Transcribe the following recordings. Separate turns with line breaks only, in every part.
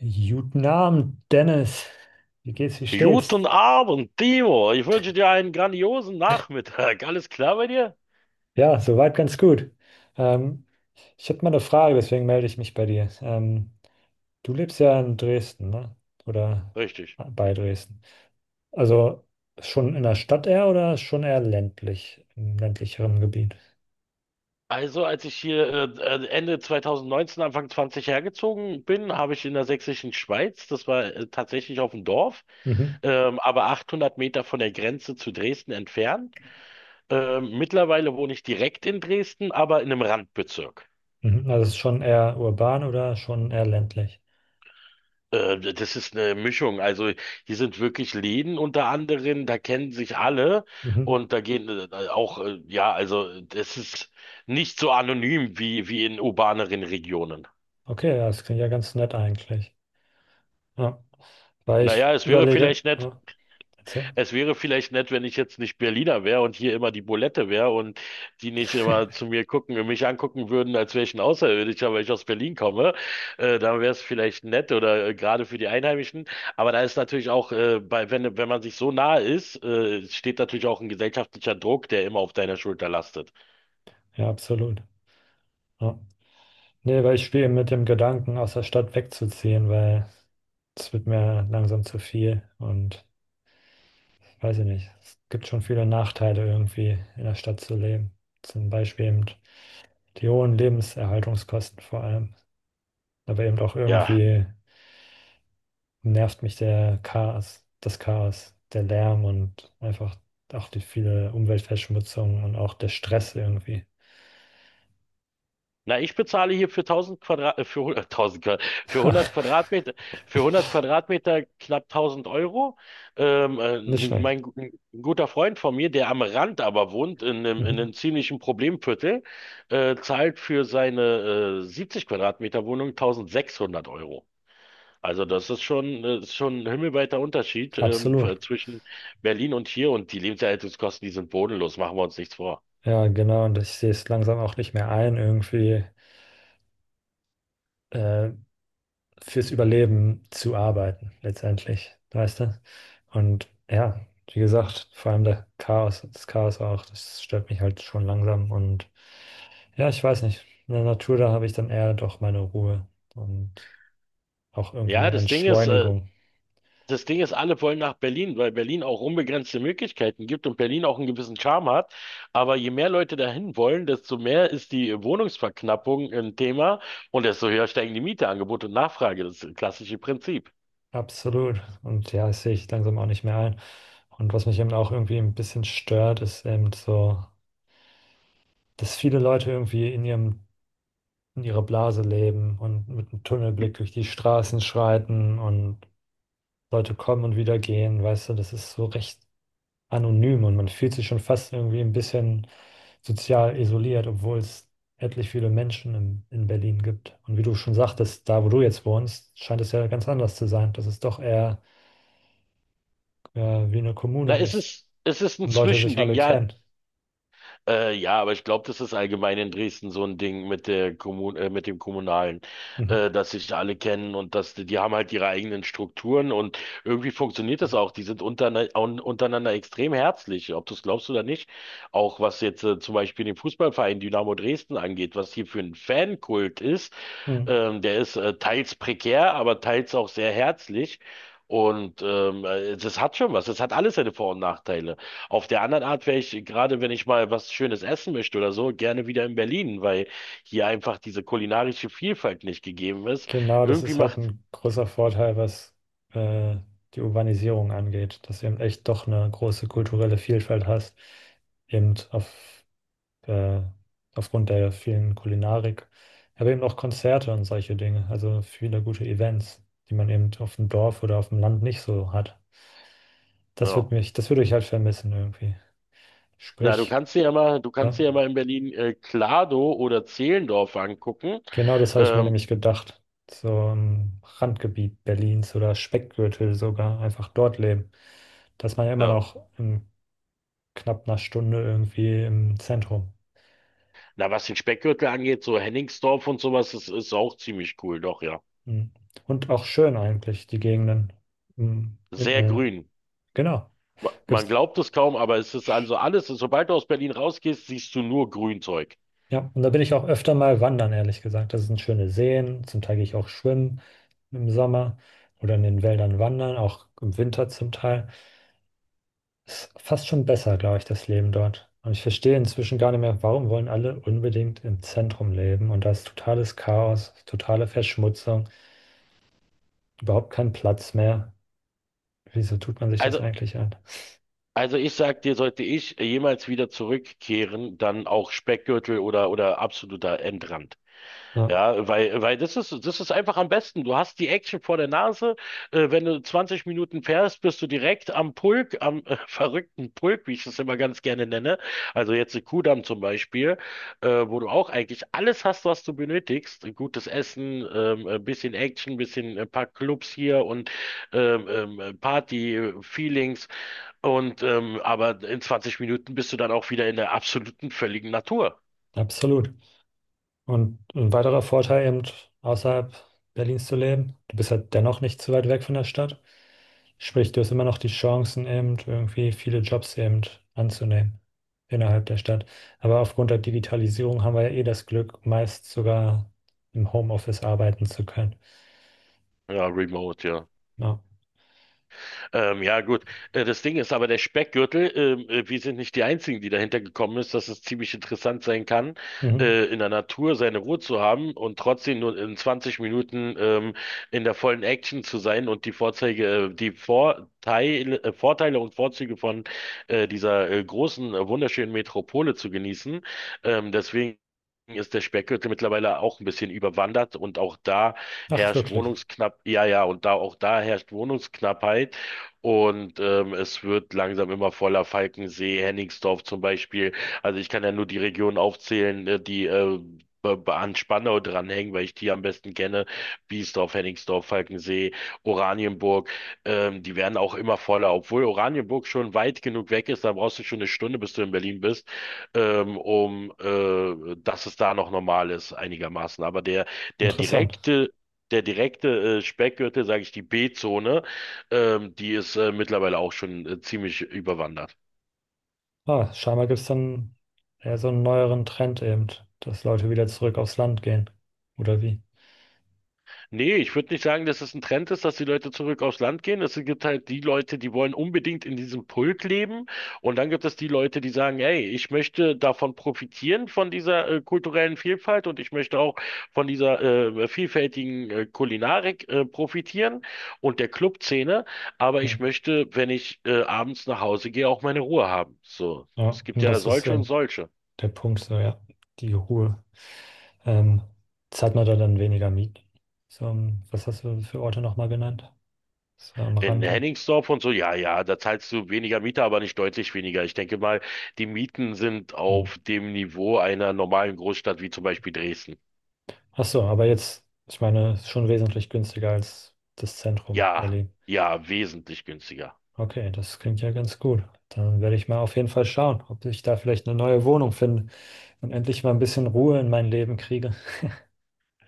Guten Abend, Dennis. Wie geht's, wie steht's?
Guten Abend, Timo. Ich wünsche dir einen grandiosen Nachmittag. Alles klar bei dir?
Ja, soweit ganz gut. Ähm, Ich habe mal eine Frage, deswegen melde ich mich bei dir. Du lebst ja in Dresden, ne? Oder
Richtig.
bei Dresden. Also schon in der Stadt eher oder schon eher ländlich, im ländlicheren Gebiet?
Also, als ich hier Ende 2019, Anfang 20 hergezogen bin, habe ich in der sächsischen Schweiz, das war tatsächlich auf dem Dorf,
Mhm.
aber 800 Meter von der Grenze zu Dresden entfernt. Mittlerweile wohne ich direkt in Dresden, aber in einem Randbezirk.
Mhm. Also es ist schon eher urban oder schon eher ländlich?
Das ist eine Mischung. Also hier sind wirklich Läden unter anderem, da kennen sich alle
Mhm.
und da gehen auch, ja, also das ist nicht so anonym wie in urbaneren Regionen.
Okay, ja, das klingt ja ganz nett eigentlich. Ja. Weil
Naja,
ich
es wäre
überlege,
vielleicht nett,
ja, erzähl.
Wenn ich jetzt nicht Berliner wäre und hier immer die Bulette wäre und die nicht immer zu mir gucken und mich angucken würden, als wäre ich ein Außerirdischer, weil ich aus Berlin komme. Da wäre es vielleicht nett oder gerade für die Einheimischen. Aber da ist natürlich auch, wenn man sich so nah ist, steht natürlich auch ein gesellschaftlicher Druck, der immer auf deiner Schulter lastet.
Ja, absolut. Ja. Nee, weil ich spiele mit dem Gedanken, aus der Stadt wegzuziehen, weil es wird mir langsam zu viel und weiß ich nicht. Es gibt schon viele Nachteile irgendwie in der Stadt zu leben. Zum Beispiel eben die hohen Lebenserhaltungskosten vor allem. Aber eben auch
Ja.
irgendwie nervt mich der Chaos, das Chaos, der Lärm und einfach auch die viele Umweltverschmutzung und auch der Stress irgendwie.
Na, ich bezahle hier für 1000 Quadrat, für 100, 1000 Quadrat, für 100 Quadratmeter, knapp 1000 Euro. Ähm, äh,
Nicht schlecht.
ein guter Freund von mir, der am Rand aber wohnt, in
Mhm.
einem ziemlichen Problemviertel, zahlt für seine, 70 Quadratmeter Wohnung 1600 Euro. Also das ist schon ein himmelweiter Unterschied,
Absolut.
zwischen Berlin und hier, und die Lebenserhaltungskosten, die sind bodenlos, machen wir uns nichts vor.
Ja, genau. Und ich sehe es langsam auch nicht mehr ein, irgendwie. äh, Fürs Überleben zu arbeiten, letztendlich, weißt du? Und ja, wie gesagt, vor allem der Chaos, das Chaos auch, das stört mich halt schon langsam und ja, ich weiß nicht, in der Natur, da habe ich dann eher doch meine Ruhe und auch irgendwie
Ja,
eine Entschleunigung.
das Ding ist, alle wollen nach Berlin, weil Berlin auch unbegrenzte Möglichkeiten gibt und Berlin auch einen gewissen Charme hat. Aber je mehr Leute dahin wollen, desto mehr ist die Wohnungsverknappung ein Thema und desto höher steigen die Miete, Angebot und Nachfrage, das klassische Prinzip.
Absolut. Und ja, das sehe ich langsam auch nicht mehr ein. Und was mich eben auch irgendwie ein bisschen stört, ist eben so, dass viele Leute irgendwie in ihrem in ihrer Blase leben und mit einem Tunnelblick durch die Straßen schreiten und Leute kommen und wieder gehen, weißt du, das ist so recht anonym und man fühlt sich schon fast irgendwie ein bisschen sozial isoliert, obwohl es etlich viele Menschen in Berlin gibt. Und wie du schon sagtest, da wo du jetzt wohnst, scheint es ja ganz anders zu sein, dass es doch eher äh, wie eine
Na,
Kommune
es
ist
ist, es ist ein
und Leute sich
Zwischending.
alle
Ja.
kennen.
Ja, aber ich glaube, das ist allgemein in Dresden so ein Ding mit der Kommun mit dem Kommunalen,
Mhm.
dass sich alle kennen und dass die haben halt ihre eigenen Strukturen und irgendwie funktioniert das auch. Die sind unterne un untereinander extrem herzlich, ob du es glaubst oder nicht. Auch was jetzt zum Beispiel den Fußballverein Dynamo Dresden angeht, was hier für ein Fankult ist.
Mhm.
Der ist teils prekär, aber teils auch sehr herzlich. Und das hat schon was. Das hat alles seine Vor- und Nachteile. Auf der anderen Art wäre ich, gerade wenn ich mal was Schönes essen möchte oder so, gerne wieder in Berlin, weil hier einfach diese kulinarische Vielfalt nicht gegeben ist.
Genau, das
Irgendwie
ist halt
macht,
ein großer Vorteil, was äh, die Urbanisierung angeht, dass du eben echt doch eine große kulturelle Vielfalt hast, eben auf, äh, aufgrund der vielen Kulinarik, aber eben auch Konzerte und solche Dinge, also viele gute Events, die man eben auf dem Dorf oder auf dem Land nicht so hat.
ja.
Das würde ich halt vermissen irgendwie.
Na,
Sprich,
du kannst
ja.
dir ja mal in Berlin Klado oder Zehlendorf angucken.
Genau das habe ich mir
Ähm,
nämlich gedacht. So im Randgebiet Berlins oder Speckgürtel sogar, einfach dort leben. Dass man ja immer
ja.
noch in knapp einer Stunde irgendwie im Zentrum.
Na, was den Speckgürtel angeht, so Hennigsdorf und sowas, das ist auch ziemlich cool, doch, ja.
Mhm. Und auch schön eigentlich, die Gegenden. Mhm.
Sehr grün.
Genau.
Man
Gibt's.
glaubt es kaum, aber es ist also alles, sobald du aus Berlin rausgehst, siehst du nur Grünzeug.
Ja, und da bin ich auch öfter mal wandern, ehrlich gesagt. Das sind schöne Seen. Zum Teil gehe ich auch schwimmen im Sommer oder in den Wäldern wandern, auch im Winter zum Teil. Ist fast schon besser, glaube ich, das Leben dort. Und ich verstehe inzwischen gar nicht mehr, warum wollen alle unbedingt im Zentrum leben? Und da ist totales Chaos, totale Verschmutzung, überhaupt kein Platz mehr. Wieso tut man sich das
Also,
eigentlich an?
also ich sag dir, sollte ich jemals wieder zurückkehren, dann auch Speckgürtel oder absoluter Endrand.
Ja,
Ja, weil, das ist einfach am besten. Du hast die Action vor der Nase. Wenn du 20 Minuten fährst, bist du direkt am Pulk, am verrückten Pulk, wie ich das immer ganz gerne nenne. Also jetzt in Kudamm zum Beispiel, wo du auch eigentlich alles hast, was du benötigst. Gutes Essen, ein bisschen Action, bisschen ein paar Clubs hier und Party-Feelings. Und aber in 20 Minuten bist du dann auch wieder in der absoluten völligen Natur.
absolut. Und ein weiterer Vorteil eben, außerhalb Berlins zu leben, du bist halt dennoch nicht zu weit weg von der Stadt. Sprich, du hast immer noch die Chancen eben, irgendwie viele Jobs eben anzunehmen innerhalb der Stadt. Aber aufgrund der Digitalisierung haben wir ja eh das Glück, meist sogar im Homeoffice arbeiten zu können.
Ja, remote, ja.
Ja.
Ja, gut. Das Ding ist aber der Speckgürtel, wir sind nicht die Einzigen, die dahinter gekommen ist, dass es ziemlich interessant sein kann,
Mhm.
in der Natur seine Ruhe zu haben und trotzdem nur in 20 Minuten in der vollen Action zu sein und die Vorzeige, die Vorteile, Vorteile und Vorzüge von dieser großen, wunderschönen Metropole zu genießen. Deswegen ist der Speckgürtel mittlerweile auch ein bisschen überwandert, und auch da
Ach,
herrscht
wirklich.
Ja, ja, und da auch da herrscht Wohnungsknappheit, und es wird langsam immer voller. Falkensee, Hennigsdorf zum Beispiel. Also ich kann ja nur die Regionen aufzählen, die an Spandau dranhängen, weil ich die am besten kenne. Biesdorf, Hennigsdorf, Falkensee, Oranienburg. Die werden auch immer voller, obwohl Oranienburg schon weit genug weg ist. Da brauchst du schon eine Stunde, bis du in Berlin bist, um dass es da noch normal ist, einigermaßen. Aber der
Interessant.
direkte der direkte Speckgürtel, sage ich, die B-Zone, die ist mittlerweile auch schon ziemlich überwandert.
Ah, scheinbar gibt es dann eher so einen neueren Trend eben, dass Leute wieder zurück aufs Land gehen. Oder wie?
Nee, ich würde nicht sagen, dass es ein Trend ist, dass die Leute zurück aufs Land gehen. Es gibt halt die Leute, die wollen unbedingt in diesem Pulk leben. Und dann gibt es die Leute, die sagen, ey, ich möchte davon profitieren, von dieser kulturellen Vielfalt, und ich möchte auch von dieser vielfältigen Kulinarik profitieren und der Clubszene. Aber ich
Mhm.
möchte, wenn ich abends nach Hause gehe, auch meine Ruhe haben. So,
Ja,
es gibt
und
ja
das ist
solche und
eben
solche.
der Punkt, so ja, die Ruhe. Ähm, Jetzt hat man da dann weniger Mieten. So, was hast du für Orte nochmal genannt? So am
In
Rande.
Hennigsdorf und so, ja, ja, da zahlst du weniger Miete, aber nicht deutlich weniger. Ich denke mal, die Mieten sind
Hm.
auf dem Niveau einer normalen Großstadt wie zum Beispiel Dresden.
Ach so, aber jetzt, ich meine, ist schon wesentlich günstiger als das Zentrum
Ja,
Berlin.
ja, wesentlich günstiger.
Okay, das klingt ja ganz gut. Dann werde ich mal auf jeden Fall schauen, ob ich da vielleicht eine neue Wohnung finde und endlich mal ein bisschen Ruhe in mein Leben kriege.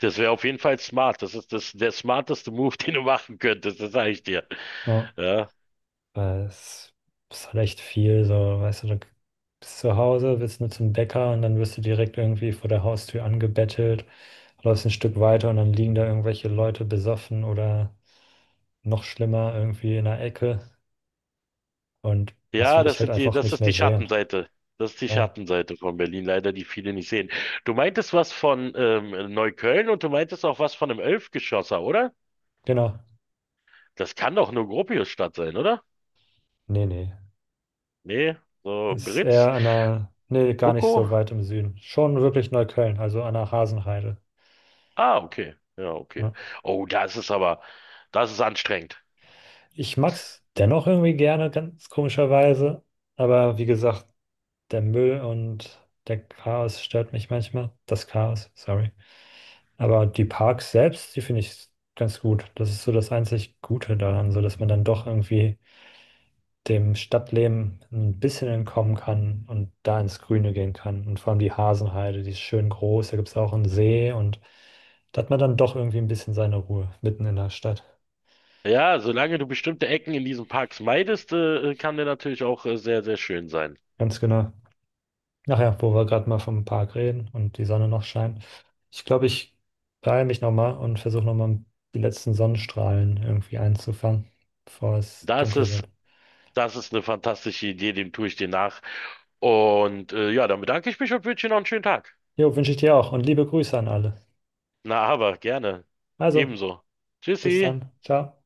Das wäre auf jeden Fall smart. Das ist das, der smarteste Move, den du machen könntest, das sage ich dir.
Ja.
Ja,
Weil es ist halt echt viel, so, weißt du, du bist zu Hause, willst nur zum Bäcker und dann wirst du direkt irgendwie vor der Haustür angebettelt, läufst ein Stück weiter und dann liegen da irgendwelche Leute besoffen oder noch schlimmer irgendwie in der Ecke und das
ja,
will ich halt einfach
das
nicht
ist
mehr
die
sehen.
Schattenseite. Das ist die
Ja,
Schattenseite von Berlin, leider, die viele nicht sehen. Du meintest was von Neukölln, und du meintest auch was von einem Elfgeschosser, oder?
genau.
Das kann doch nur Gropiusstadt sein, oder?
Nee, nee.
Nee, so
Ist
Britz,
eher an der, nee, gar nicht
Buko.
so weit im Süden. Schon wirklich Neukölln, also an der Hasenheide.
Ah, okay. Ja, okay.
Ja.
Oh, das ist anstrengend.
Ich mag's dennoch irgendwie gerne, ganz komischerweise. Aber wie gesagt, der Müll und der Chaos stört mich manchmal. Das Chaos, sorry. Aber die Parks selbst, die finde ich ganz gut. Das ist so das einzig Gute daran, so dass man dann doch irgendwie dem Stadtleben ein bisschen entkommen kann und da ins Grüne gehen kann. Und vor allem die Hasenheide, die ist schön groß. Da gibt es auch einen See und da hat man dann doch irgendwie ein bisschen seine Ruhe mitten in der Stadt.
Ja, solange du bestimmte Ecken in diesen Parks meidest, kann der natürlich auch sehr, sehr schön sein.
Ganz genau. Ach ja, wo wir gerade mal vom Park reden und die Sonne noch scheint. Ich glaube, ich beeile mich nochmal und versuche nochmal die letzten Sonnenstrahlen irgendwie einzufangen, bevor es
Das
dunkel
ist,
wird.
Das ist eine fantastische Idee, dem tue ich dir nach. Und ja, dann bedanke ich mich und wünsche dir noch einen schönen Tag.
Jo, wünsche ich dir auch und liebe Grüße an alle.
Na, aber gerne.
Also,
Ebenso.
bis
Tschüssi.
dann. Ciao.